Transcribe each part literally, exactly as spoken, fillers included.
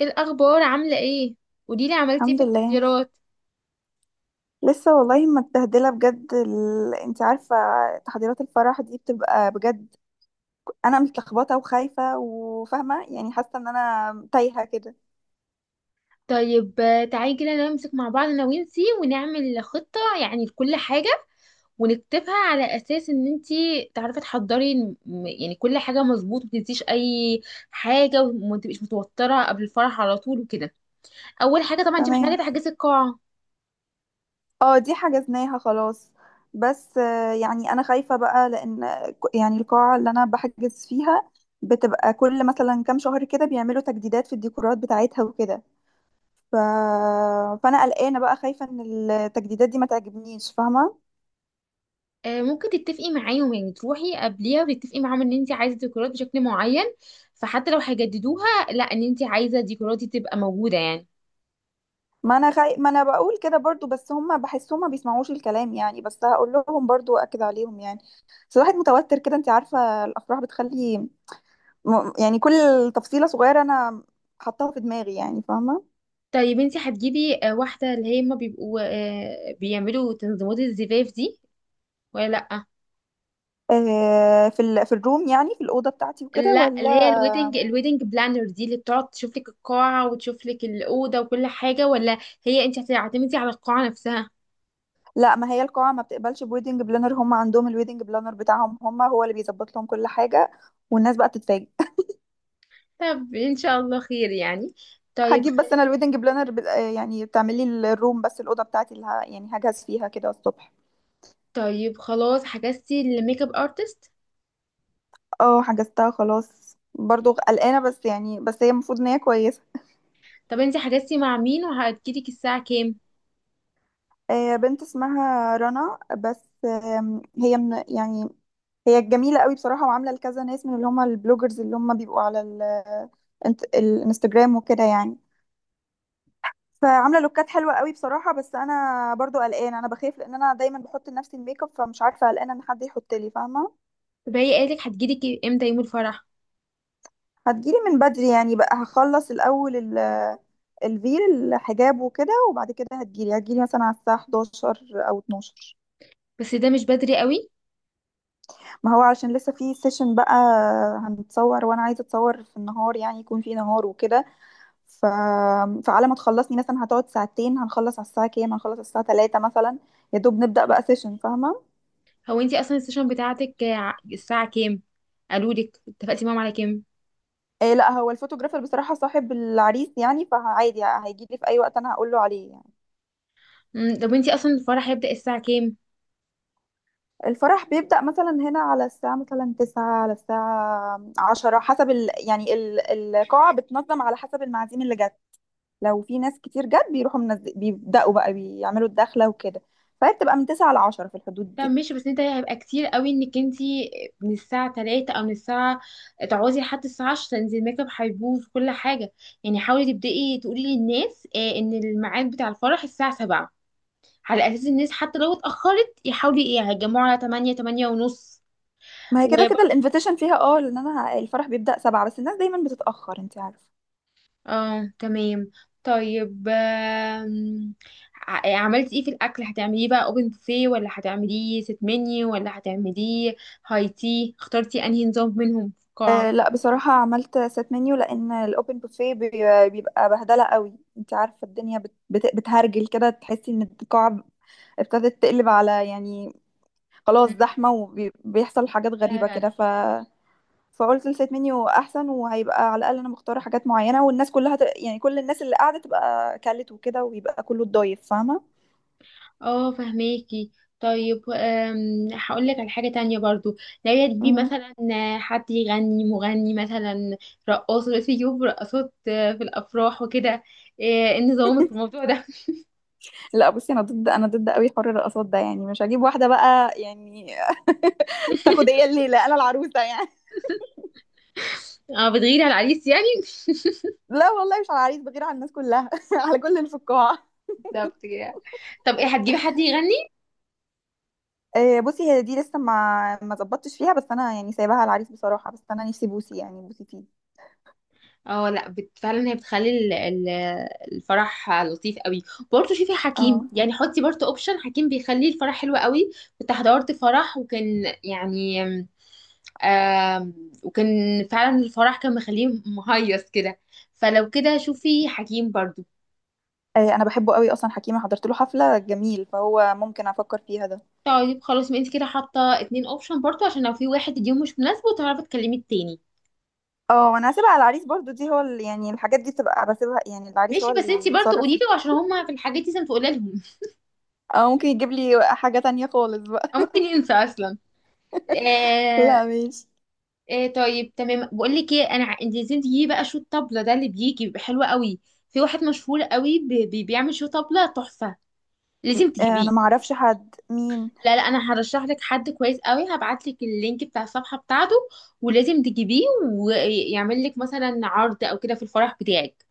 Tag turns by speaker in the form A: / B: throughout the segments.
A: ايه الاخبار؟ عامله ايه؟ قوليلي عملتي ايه في
B: الحمد لله.
A: التحضيرات.
B: لسه والله متبهدله بجد، ال... انت عارفه. تحضيرات الفرح دي بتبقى بجد. انا متلخبطه وخايفه وفاهمه، يعني حاسه ان انا تايهه كده.
A: طيب آه، تعالي كده نمسك مع بعض انا وانتي ونعمل خطه يعني لكل حاجه، ونكتبها على اساس ان انتي تعرفي تحضري. م- يعني كل حاجه مظبوط، متنسيش اي حاجه، وما تبقيش متوتره قبل الفرح على طول وكده. اول حاجه طبعا انتي محتاجه
B: تمام.
A: تحجزي القاعه.
B: اه، دي حجزناها خلاص. بس آه، يعني انا خايفه بقى، لان ك- يعني القاعه اللي انا بحجز فيها بتبقى كل مثلا كام شهر كده بيعملوا تجديدات في الديكورات بتاعتها وكده. ف... فانا قلقانه بقى، خايفه ان التجديدات دي ما تعجبنيش، فاهمه.
A: آه، ممكن تتفقي معاهم، يعني تروحي قبليها وتتفقي معاهم ان انتي عايزه ديكورات بشكل معين، فحتى لو هيجددوها، لا، ان انتي عايزه ديكوراتي تبقى موجوده يعني.
B: ما انا خي... ما انا بقول كده برضو، بس هم بحسهم ما بيسمعوش الكلام، يعني بس هقول لهم برضو واكد عليهم، يعني. بس الواحد متوتر كده، انت عارفة الافراح بتخلي، م... يعني كل تفصيلة صغيرة انا حطاها في دماغي، يعني فاهمة.
A: طيب انت هتجيبي آه، واحدة اللي هي هما بيبقوا آه، بيعملوا تنظيمات الزفاف دي ولا لأ؟
B: آه، في ال... في الروم، يعني في الأوضة بتاعتي وكده،
A: لا، اللي هي
B: ولا؟
A: الويدنج الويدنج بلانر دي اللي بتقعد تشوف لك القاعة وتشوف لك الأوضة وكل حاجة، ولا هي انت هتعتمدي على القاعة نفسها؟
B: لا، ما هي القاعة ما بتقبلش بويدنج بلانر، هم عندهم الويدنج بلانر بتاعهم هم، هو اللي بيظبط لهم كل حاجة. والناس بقى تتفاجئ.
A: طب ان شاء الله خير يعني. طيب
B: هجيب، بس انا
A: خل...
B: الويدنج بلانر ب... آه، يعني بتعمل لي الروم، بس الأوضة بتاعتي اللي ه... يعني هجهز فيها كده الصبح.
A: طيب خلاص، حجزتي الميك اب ارتست؟
B: اه حجزتها خلاص، برضو قلقانة، بس يعني بس هي المفروض ان هي كويسة.
A: طب انت حجزتي مع مين وهتجيلك الساعة كام؟
B: آه، بنت اسمها رنا، بس آم، هي من يعني، هي جميلة قوي بصراحة، وعاملة لكذا ناس من اللي هم البلوجرز اللي هم بيبقوا على ال- الانت- الانستجرام وكده، يعني. فعاملة لوكات حلوة قوي بصراحة، بس انا برضو قلقانة، انا بخاف لان انا دايما بحط لنفسي الميك اب، فمش عارفة، قلقانة ان حد يحط لي، فاهمة.
A: طب هي قالت لك هتجيلك امتى يوم الفرح؟
B: هتجيلي من بدري، يعني بقى هخلص الأول ال الفيل، الحجاب وكده، وبعد كده هتجيلي هتجيلي مثلا على الساعة حداشر أو اتناشر.
A: بس ده مش بدري قوي.
B: ما هو علشان لسه في سيشن بقى. هنتصور، وأنا عايزة أتصور في النهار، يعني يكون في نهار وكده. ف... فعلى ما تخلصني مثلا هتقعد ساعتين، هنخلص على الساعة كام؟ هنخلص على الساعة تلاته مثلا، يا دوب نبدأ بقى سيشن، فاهمة.
A: هو انتي اصلا السيشن بتاعتك ع- الساعة كام؟ قالوا لك؟ اتفقتي معاهم على كام؟
B: إيه لا، هو الفوتوغرافر بصراحة صاحب العريس، يعني فعادي هيجيلي في أي وقت أنا هقوله عليه، يعني.
A: مم، طب انتي اصلا الفرح هيبدأ الساعة كام؟
B: الفرح بيبدأ مثلا هنا على الساعة مثلا تسعة، على الساعة عشرة، حسب ال... يعني ال... القاعة بتنظم على حسب المعازيم اللي جت. لو في ناس كتير جت، بيروحوا منز... بيبدأوا بقى بيعملوا الدخلة وكده. فهي بتبقى من تسعة لعشرة في الحدود
A: طب
B: دي.
A: ماشي، بس انت هيبقى كتير قوي انك انتي من الساعة تلاته او من الساعة، تقعدي لحد الساعة عشرة، انزل الميك اب هيبوظ في كل حاجة. يعني حاولي تبدأي تقولي للناس اه، ان الميعاد بتاع الفرح الساعة سبعة، على اساس الناس حتى لو اتأخرت يحاولي ايه هيتجمعوا على تمانية، تمانية ونص.
B: ما هي كده كده الانفيتيشن فيها اه، لان انا ه- الفرح بيبدأ سبعة، بس الناس دايما بتتأخر، انت عارفة.
A: اه تمام. طيب آم، ع- عملتي ايه في الاكل؟ هتعمليه بقى اوبن بوفيه، ولا هتعمليه ست منيو، ولا هتعمليه هاي تي؟ اخترتي انهي نظام منهم في
B: آه
A: القاعه؟
B: لا، بصراحة عملت سيت منيو، لأن الأوبن بوفيه بيبقى بهدلة قوي انت عارفة، الدنيا بت... بت... بتهرجل كده، تحسي ان القاعة ابتدت تقلب على، يعني خلاص
A: مم،
B: زحمة، وبيحصل حاجات غريبة
A: فعلا.
B: كده. ف فقلت السيت منيو احسن، وهيبقى على الاقل انا مختاره حاجات معينه، والناس كلها ت... يعني كل الناس اللي قاعده تبقى كلت وكده، ويبقى كله اتضايف، فاهمه.
A: اه فهماكي. طيب أم، هقول لك على حاجه تانية برضو. لو تجيبي
B: مم.
A: مثلا حد يغني، مغني مثلا، رقاص دلوقتي يجيبوا رقاصات آه، في الافراح وكده، آه، ايه نظامك في الموضوع ده؟
B: لا بصي، انا ضد، انا ضد قوي حر الرقصات ده، يعني مش هجيب واحده بقى، يعني. تاخد هي الليله، انا العروسه يعني.
A: اه، بتغيري على العريس يعني.
B: لا والله، مش على العريس، بغير على الناس كلها على كل اللي في القاعه.
A: بالظبط كده. طب ايه، هتجيبي حد يغني؟
B: آه، بصي، هي دي لسه ما ما ظبطتش فيها، بس انا يعني سايباها على العريس بصراحه، بس انا نفسي بوسي يعني بوسي فيه.
A: اه لا، بت... فعلا هي بتخلي ال... ال... الفرح لطيف قوي. برضه شوفي حكيم،
B: اه،
A: يعني حطي برضه اوبشن حكيم، بيخلي الفرح حلو قوي. كنت حضرت فرح وكان يعني، آم... وكان فعلا الفرح كان مخليه مهيص كده، فلو كده شوفي حكيم برضه.
B: آه، انا بحبه قوي، اصلا حكيمه حضرت له حفله جميل، فهو ممكن افكر فيها ده.
A: طيب خلاص، ما انت كده حاطه اتنين اوبشن برضه، عشان لو في واحد اليوم مش مناسبه تعرفي تكلمي التاني.
B: اه، وانا هسيبها على العريس برضو، دي هو اللي يعني، الحاجات دي بتبقى بسيبها، يعني العريس هو
A: ماشي، بس انت
B: اللي
A: برضه
B: يتصرف
A: قولي
B: فيها.
A: له، عشان هما في الحاجات دي لازم تقولي لهم.
B: اه، ممكن يجيب لي حاجه تانية خالص بقى.
A: او ممكن ينسى اصلا. آه،
B: لا ماشي.
A: إيه طيب، تمام. بقول لك ايه، انا ع- انت عايزين تجيبي بقى شو الطبله ده، اللي بيجي بيبقى حلو قوي. في واحد مشهور قوي بي- بي- بيعمل شو طبله تحفه، لازم
B: آه،
A: تجيبيه.
B: انا ما اعرفش حد، مين؟
A: لا لا، انا هرشح لك حد كويس قوي، هبعت لك اللينك بتاع الصفحه بتاعته، ولازم تجيبيه، ويعمل لك مثلا عرض او كده في الفرح بتاعك.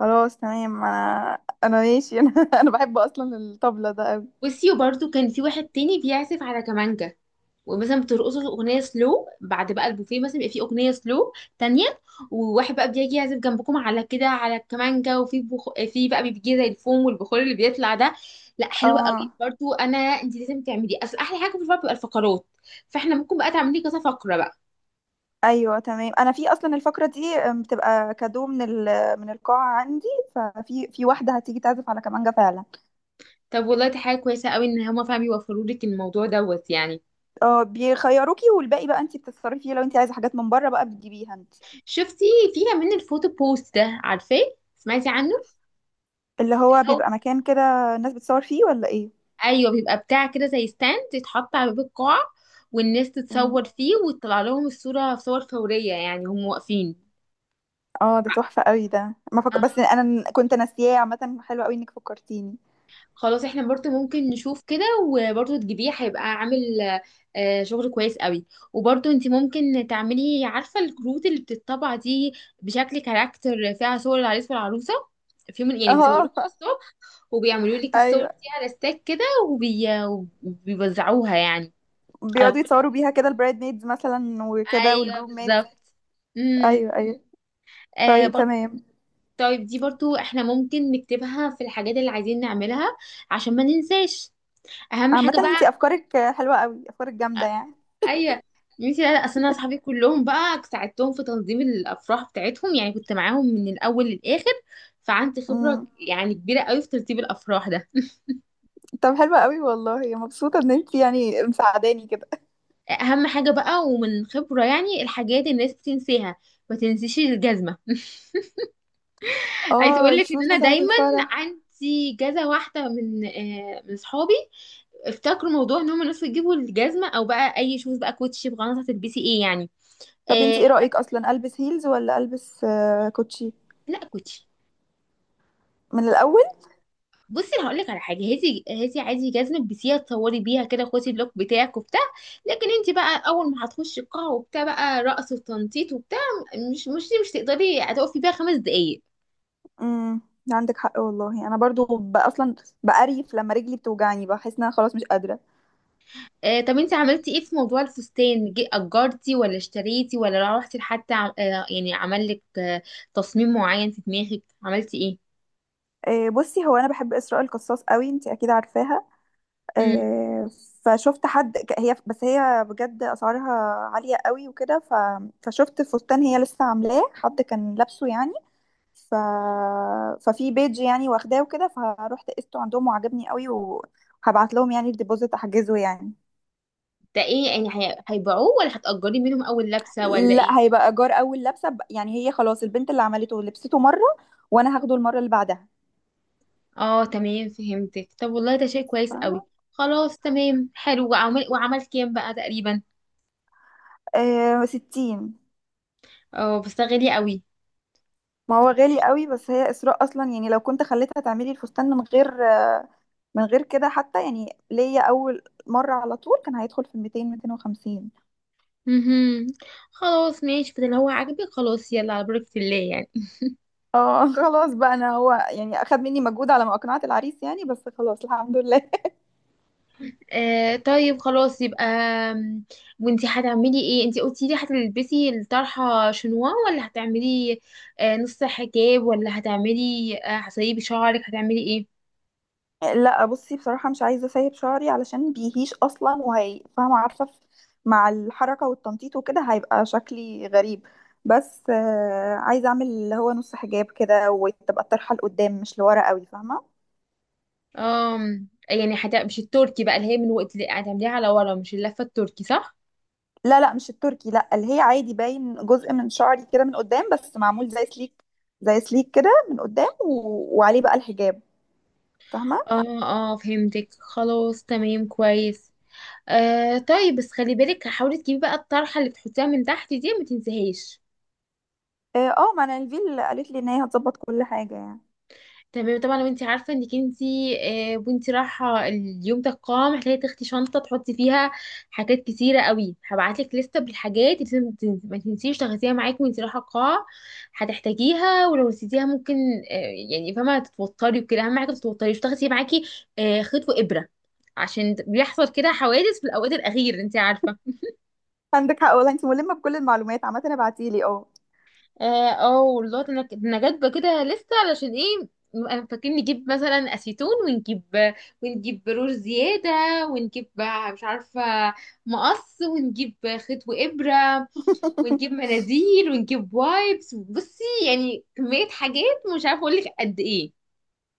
B: خلاص تمام، انا انا ماشي انا انا بحب اصلا الطبلة ده قوي.
A: بصي، وبرده كان في واحد تاني بيعزف على كمانجا، ومثلا بترقصوا اغنيه سلو، بعد بقى البوفيه مثلا يبقى فيه اغنيه سلو تانية، وواحد بقى بيجي يعزف جنبكم على كده على الكمانجا، وفي بخ... في بقى بيجي زي الفوم والبخور اللي بيطلع ده. لا حلوه قوي
B: اه
A: برضو. انا انت لازم تعملي، اصل احلى حاجه في الفرق بتبقى الفقرات، فاحنا ممكن بقى تعملي كذا فقره بقى.
B: ايوه تمام. انا في اصلا الفقره دي آم، بتبقى كادو من ال... من القاعه عندي. ففي في واحده هتيجي تعزف على كمانجه فعلا.
A: طب والله دي حاجه كويسه قوي، ان هما فعلا بيوفروا لك الموضوع دوت يعني.
B: اه، بيخيروكي، والباقي بقى انت بتتصرفي فيه، لو انت عايزه حاجات من بره بقى بتجيبيها انت.
A: شفتي؟ في كمان الفوتو بوست ده، عارفاه؟ سمعتي عنه؟
B: اللي هو بيبقى مكان كده الناس بتصور فيه، ولا ايه؟
A: ايوه بيبقى بتاع كده زي ستاند يتحط على باب القاعه، والناس
B: مم.
A: تتصور فيه وتطلع لهم الصوره، صور فوريه يعني، هم واقفين.
B: اه، ده تحفه قوي ده، ما
A: آه.
B: فك... بس انا ن- كنت ناسياه، عامه حلو قوي انك فكرتيني.
A: خلاص احنا برضو ممكن نشوف كده، وبرضو تجيبيه هيبقى عامل آه، شغل كويس قوي. وبرضو انت ممكن تعملي، عارفه الكروت اللي بتطبع دي بشكل كاركتر، فيها صور العريس والعروسه في يوم يعني، بيصوروها
B: اه
A: من الصبح، وبيعملوا لك الصور
B: ايوه،
A: دي على ستاك كده، وبي... وبيوزعوها يعني على
B: بيقعدوا
A: كل.
B: يتصوروا بيها كده، البرايد ميدز مثلا وكده،
A: ايوه
B: والجروب
A: بالظبط.
B: ميدز.
A: امم.
B: ايوه ايوه.
A: آه
B: طيب
A: برضو.
B: تمام.
A: طيب دي برضو احنا ممكن نكتبها في الحاجات اللي عايزين نعملها عشان ما ننساش، اهم
B: عامه
A: حاجة
B: انت
A: بقى.
B: افكارك حلوه قوي، افكارك جامده يعني.
A: ايوه ميسي. لا لا، اصل انا اصحابي كلهم بقى ساعدتهم في تنظيم الافراح بتاعتهم، يعني كنت معاهم من الاول للاخر، فعندي خبرة
B: امم.
A: يعني كبيرة قوي في ترتيب الافراح ده.
B: طب حلوه قوي والله، مبسوطه ان انت يعني مساعداني كده.
A: اهم حاجة بقى، ومن خبرة يعني الحاجات الناس بتنساها، ما تنسيش الجزمة. عايزة
B: اه
A: اقول لك ان
B: الشوز
A: انا
B: بتاعت
A: دايما
B: الفرح.
A: عندي جزة واحدة من آه من صحابي افتكروا موضوع ان هم الناس بتجيبوا الجزمه، او بقى اي شوز بقى كوتشي بغلط هتلبسي ايه يعني.
B: طب انت ايه
A: آه
B: رأيك اصلا، البس هيلز ولا البس آه، كوتشي
A: لا، كوتشي.
B: من الاول؟
A: بصي انا هقول لك على حاجه، هاتي هاتي عادي جزمه، البسيها تصوري بيها كده، خدي بلوك بتاعك وبتاع، لكن انت بقى اول ما هتخشي القاعه وبتاع بقى رقص وتنطيط وبتاع، مش مش مش تقدري هتقفي بيها خمس دقايق.
B: امم. عندك حق والله، انا برضو ب- اصلا بقريف لما رجلي بتوجعني، بحس ان انا خلاص مش قادره.
A: آه، طب انت عملتي ايه في موضوع الفستان؟ جي- اجرتي ولا اشتريتي، ولا روحتي لحد عم- آه يعني عمل لك آه تصميم معين في دماغك؟ عملتي ايه؟
B: آه، بصي، هو انا بحب اسراء القصاص قوي، انت اكيد عارفاها. آه، فشفت حد ك- هي، بس هي بجد اسعارها عاليه قوي وكده. ف... فشفت فستان هي لسه عاملاه، حد كان لابسه يعني. ف... ففي بيج يعني واخداه وكده، فروحت قسته عندهم وعجبني قوي، وهبعت لهم يعني الديبوزيت احجزه يعني.
A: ده ايه يعني، هي- هيبيعوه ولا هتأجري منهم اول لبسة ولا ايه؟
B: لا، هيبقى ايجار اول لبسه، ب- يعني هي خلاص البنت اللي عملته لبسته مره، وانا هاخده المره اللي بعدها،
A: اه تمام فهمتك. طب والله ده شيء كويس قوي.
B: فاهمه.
A: خلاص تمام حلو. وعمل، وعمل كام بقى تقريبا؟
B: آه ستين.
A: اه، بس ده غالي قوي.
B: ما هو غالي قوي، بس هي اسراء اصلا يعني، لو كنت خليتها تعملي الفستان من غير آه، من غير كده حتى، يعني ليا اول مره على طول كان هيدخل في ميتين ميتين وخمسين.
A: مهم. خلاص ماشي، فده اللي هو عاجبك، خلاص يلا على بركة الله يعني.
B: اه خلاص بقى، انا هو يعني اخد مني مجهود على ما اقنعت العريس يعني، بس خلاص الحمد لله.
A: آه طيب خلاص يبقى، آم، وانتي هتعملي ايه؟ انتي قلتي لي هتلبسي الطرحة شنوا، ولا هتعملي آه نص حجاب، ولا هتعملي آه هتسيبي شعرك؟ هتعملي ايه؟
B: لا بصي، بصراحة مش عايزة اسيب شعري علشان بيهيش اصلا وهي فاهمة، عارفة. ف- مع الحركة والتنطيط وكده هيبقى شكلي غريب. بس آه، عايزة اعمل اللي هو نص حجاب كده، وتبقى الطرحة لقدام مش لورا قوي، فاهمة.
A: آم، يعني حتى مش التركي بقى، اللي هي من وقت اللي هتعمليها على ورا، مش اللفة التركي، صح؟
B: لا لا، مش التركي، لا اللي هي عادي باين جزء من شعري كده من قدام، بس معمول زي سليك زي سليك كده من قدام، و... وعليه بقى الحجاب، فاهمة.
A: اه اه فهمتك، خلاص تمام كويس. آه طيب، بس خلي بالك حاولي تجيبي بقى الطرحة اللي بتحطيها من تحت دي، ما تنسيهاش.
B: اه، آه، ما انا الفيل قالت لي ان هي هتظبط كل حاجة يعني.
A: تمام طبعا. وانت عارفه انك انت آه، وانت رايحه اليوم ده القاعه محتاجه تاخدي شنطه تحطي فيها حاجات كتيره قوي، هبعتلك لسته بالحاجات اللي لازم تن- ما تنسيش تاخديها معاكي وانت رايحه القاعه، هتحتاجيها. ولو نسيتيها ممكن آه، يعني فاهمه تتوتري وكده. اهم حاجه ما تتوتريش، تاخدي معاكي آه، خيط وابره، عشان بيحصل كده حوادث في الاوقات الاخيره انت عارفه.
B: عندك حق والله، انت ملمة بكل المعلومات عامة، ابعتيلي اه.
A: اه آه، والله انا انا جايبه كده لسه، علشان ايه، نبقى فاكرين نجيب مثلا اسيتون، ونجيب ونجيب رور زياده، ونجيب مش عارفه مقص، ونجيب خيط وابره، ونجيب مناديل، ونجيب وايبس. بصي يعني كميه حاجات مش عارفه اقول لك قد ايه.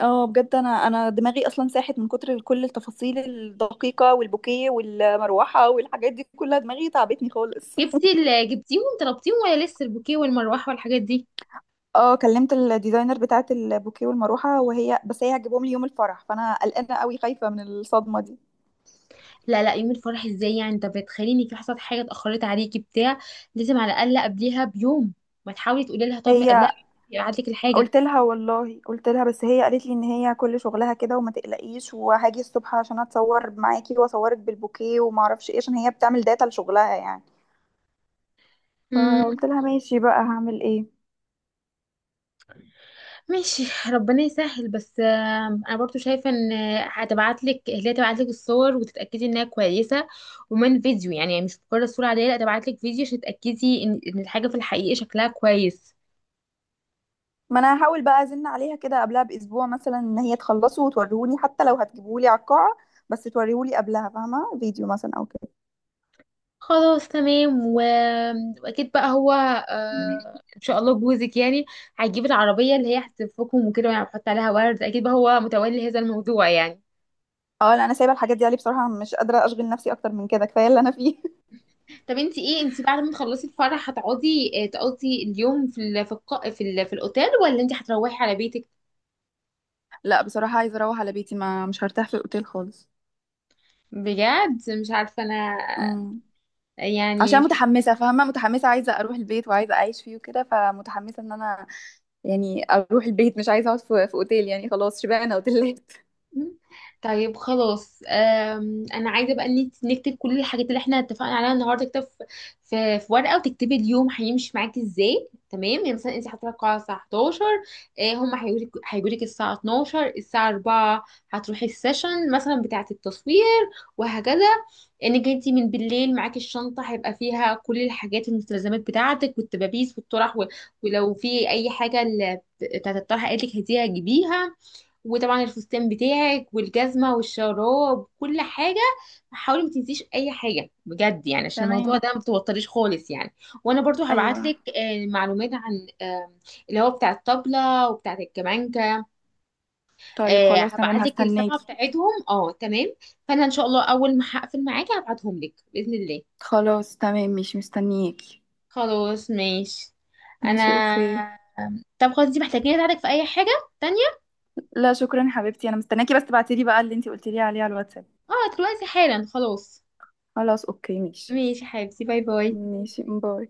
B: اه بجد، انا انا دماغي اصلا ساحت من كتر كل التفاصيل الدقيقه والبوكيه والمروحه والحاجات دي كلها، دماغي تعبتني خالص.
A: جبتي ال- جبتيهم طلبتيهم ولا لسه البوكيه والمروحه والحاجات دي؟
B: اه، كلمت الديزاينر بتاعه البوكيه والمروحه، وهي بس هي هتجيبهم لي يوم الفرح، فانا قلقانه قوي، خايفه من الصدمه دي.
A: لا لا، يوم الفرح ازاي يعني؟ انت بتخليني في، حصلت حاجه اتاخرت عليكي بتاع، لازم على الاقل قبليها بيوم. ما تحاولي تقولي لها؟ طب من قبلها
B: هي
A: يبعت لك الحاجه.
B: قلت لها والله، قلت لها بس هي قالت لي ان هي كل شغلها كده وما تقلقيش، وهاجي الصبح عشان اتصور معاكي واصورك بالبوكيه وما اعرفش ايه، عشان هي بتعمل داتا لشغلها يعني.
A: امم.
B: فقلت لها ماشي بقى، هعمل ايه.
A: ماشي، ربنا يسهل. بس آم، انا برضو شايفه ان هتبعت لك، هي تبعت لك الصور وتتاكدي انها كويسه، ومن فيديو يعني، مش مجرد صوره عاديه، لا، تبعت لك فيديو عشان تتاكدي ان إن الحاجه في الحقيقه شكلها كويس.
B: ما انا هحاول بقى ازن عليها كده قبلها باسبوع مثلا، ان هي تخلصه وتوريهولي حتى لو هتجيبهولي على القاعه، بس توريهولي قبلها، فاهمه، فيديو مثلا او كده.
A: خلاص تمام، و... واكيد بقى هو
B: مم.
A: آه... ان شاء الله جوزك يعني هيجيب العربيه اللي هي هتلفكم وكده يعني، هتحط عليها ورد، اكيد بقى هو متولي هذا الموضوع يعني.
B: اه لا، انا سايبه الحاجات دي علي بصراحه، مش قادره اشغل نفسي اكتر من كده، كفايه اللي انا فيه.
A: طب انت ايه، انت بعد ما تخلصي الفرح هتقعدي آه، تقضي اليوم في ال... في الق... في, ال... في الاوتيل، ولا انت هتروحي على بيتك؟
B: لا بصراحه، عايزه اروح على بيتي، ما مش هرتاح في الاوتيل خالص.
A: بجد مش عارفه انا
B: امم.
A: يعني.
B: عشان متحمسه فاهمه، متحمسه عايزه اروح البيت وعايزه اعيش فيه وكده، فمتحمسه ان انا يعني اروح البيت، مش عايزه اقعد في, في اوتيل يعني، خلاص شبعنا اوتيلات.
A: طيب خلاص، أم، انا عايزه بقى إن إنت نكتب كل الحاجات اللي احنا اتفقنا عليها النهارده، اكتب في في في ورقه، وتكتبي اليوم هيمشي معاكي ازاي. تمام، يعني مثلا انت هتروحي القاعه الساعه حداشر، آه، هم هيجولك هيجولك الساعه اتناشر، الساعه اربعة هتروحي السيشن مثلا بتاعه التصوير، وهكذا. انك انت من بالليل معاكي الشنطه هيبقى فيها كل الحاجات، المستلزمات بتاعتك والتبابيس والطرح و- ولو في اي حاجه ال- بتاعه الطرح قالك هديها جيبيها، وطبعا الفستان بتاعك والجزمة والشراب، كل حاجة حاولي ما تنسيش اي حاجة بجد يعني، عشان الموضوع
B: تمام.
A: ده ما توتريش خالص يعني. وانا برضو هبعت
B: ايوه.
A: لك معلومات عن آه، اللي هو بتاع الطبلة وبتاع الكمانجة.
B: طيب
A: آه،
B: خلاص تمام،
A: هبعت لك الصفحة
B: هستناكي.
A: بتاعتهم، اه تمام. فانا ان شاء الله اول ما هقفل معاكي هبعتهم لك بإذن الله.
B: خلاص تمام، مش مستنياكي.
A: خلاص ماشي.
B: ماشي اوكي.
A: انا، طب خلاص انتي محتاجين اساعدك في اي حاجة تانية؟
B: لا شكرا حبيبتي، انا مستنياكي بس تبعتيلي بقى اللي انتي قلتيلي عليه على الواتساب.
A: اه دلوقتي حالا خلاص.
B: خلاص اوكي ماشي.
A: ماشي يا حبيبتي، باي باي.
B: ماشي باي.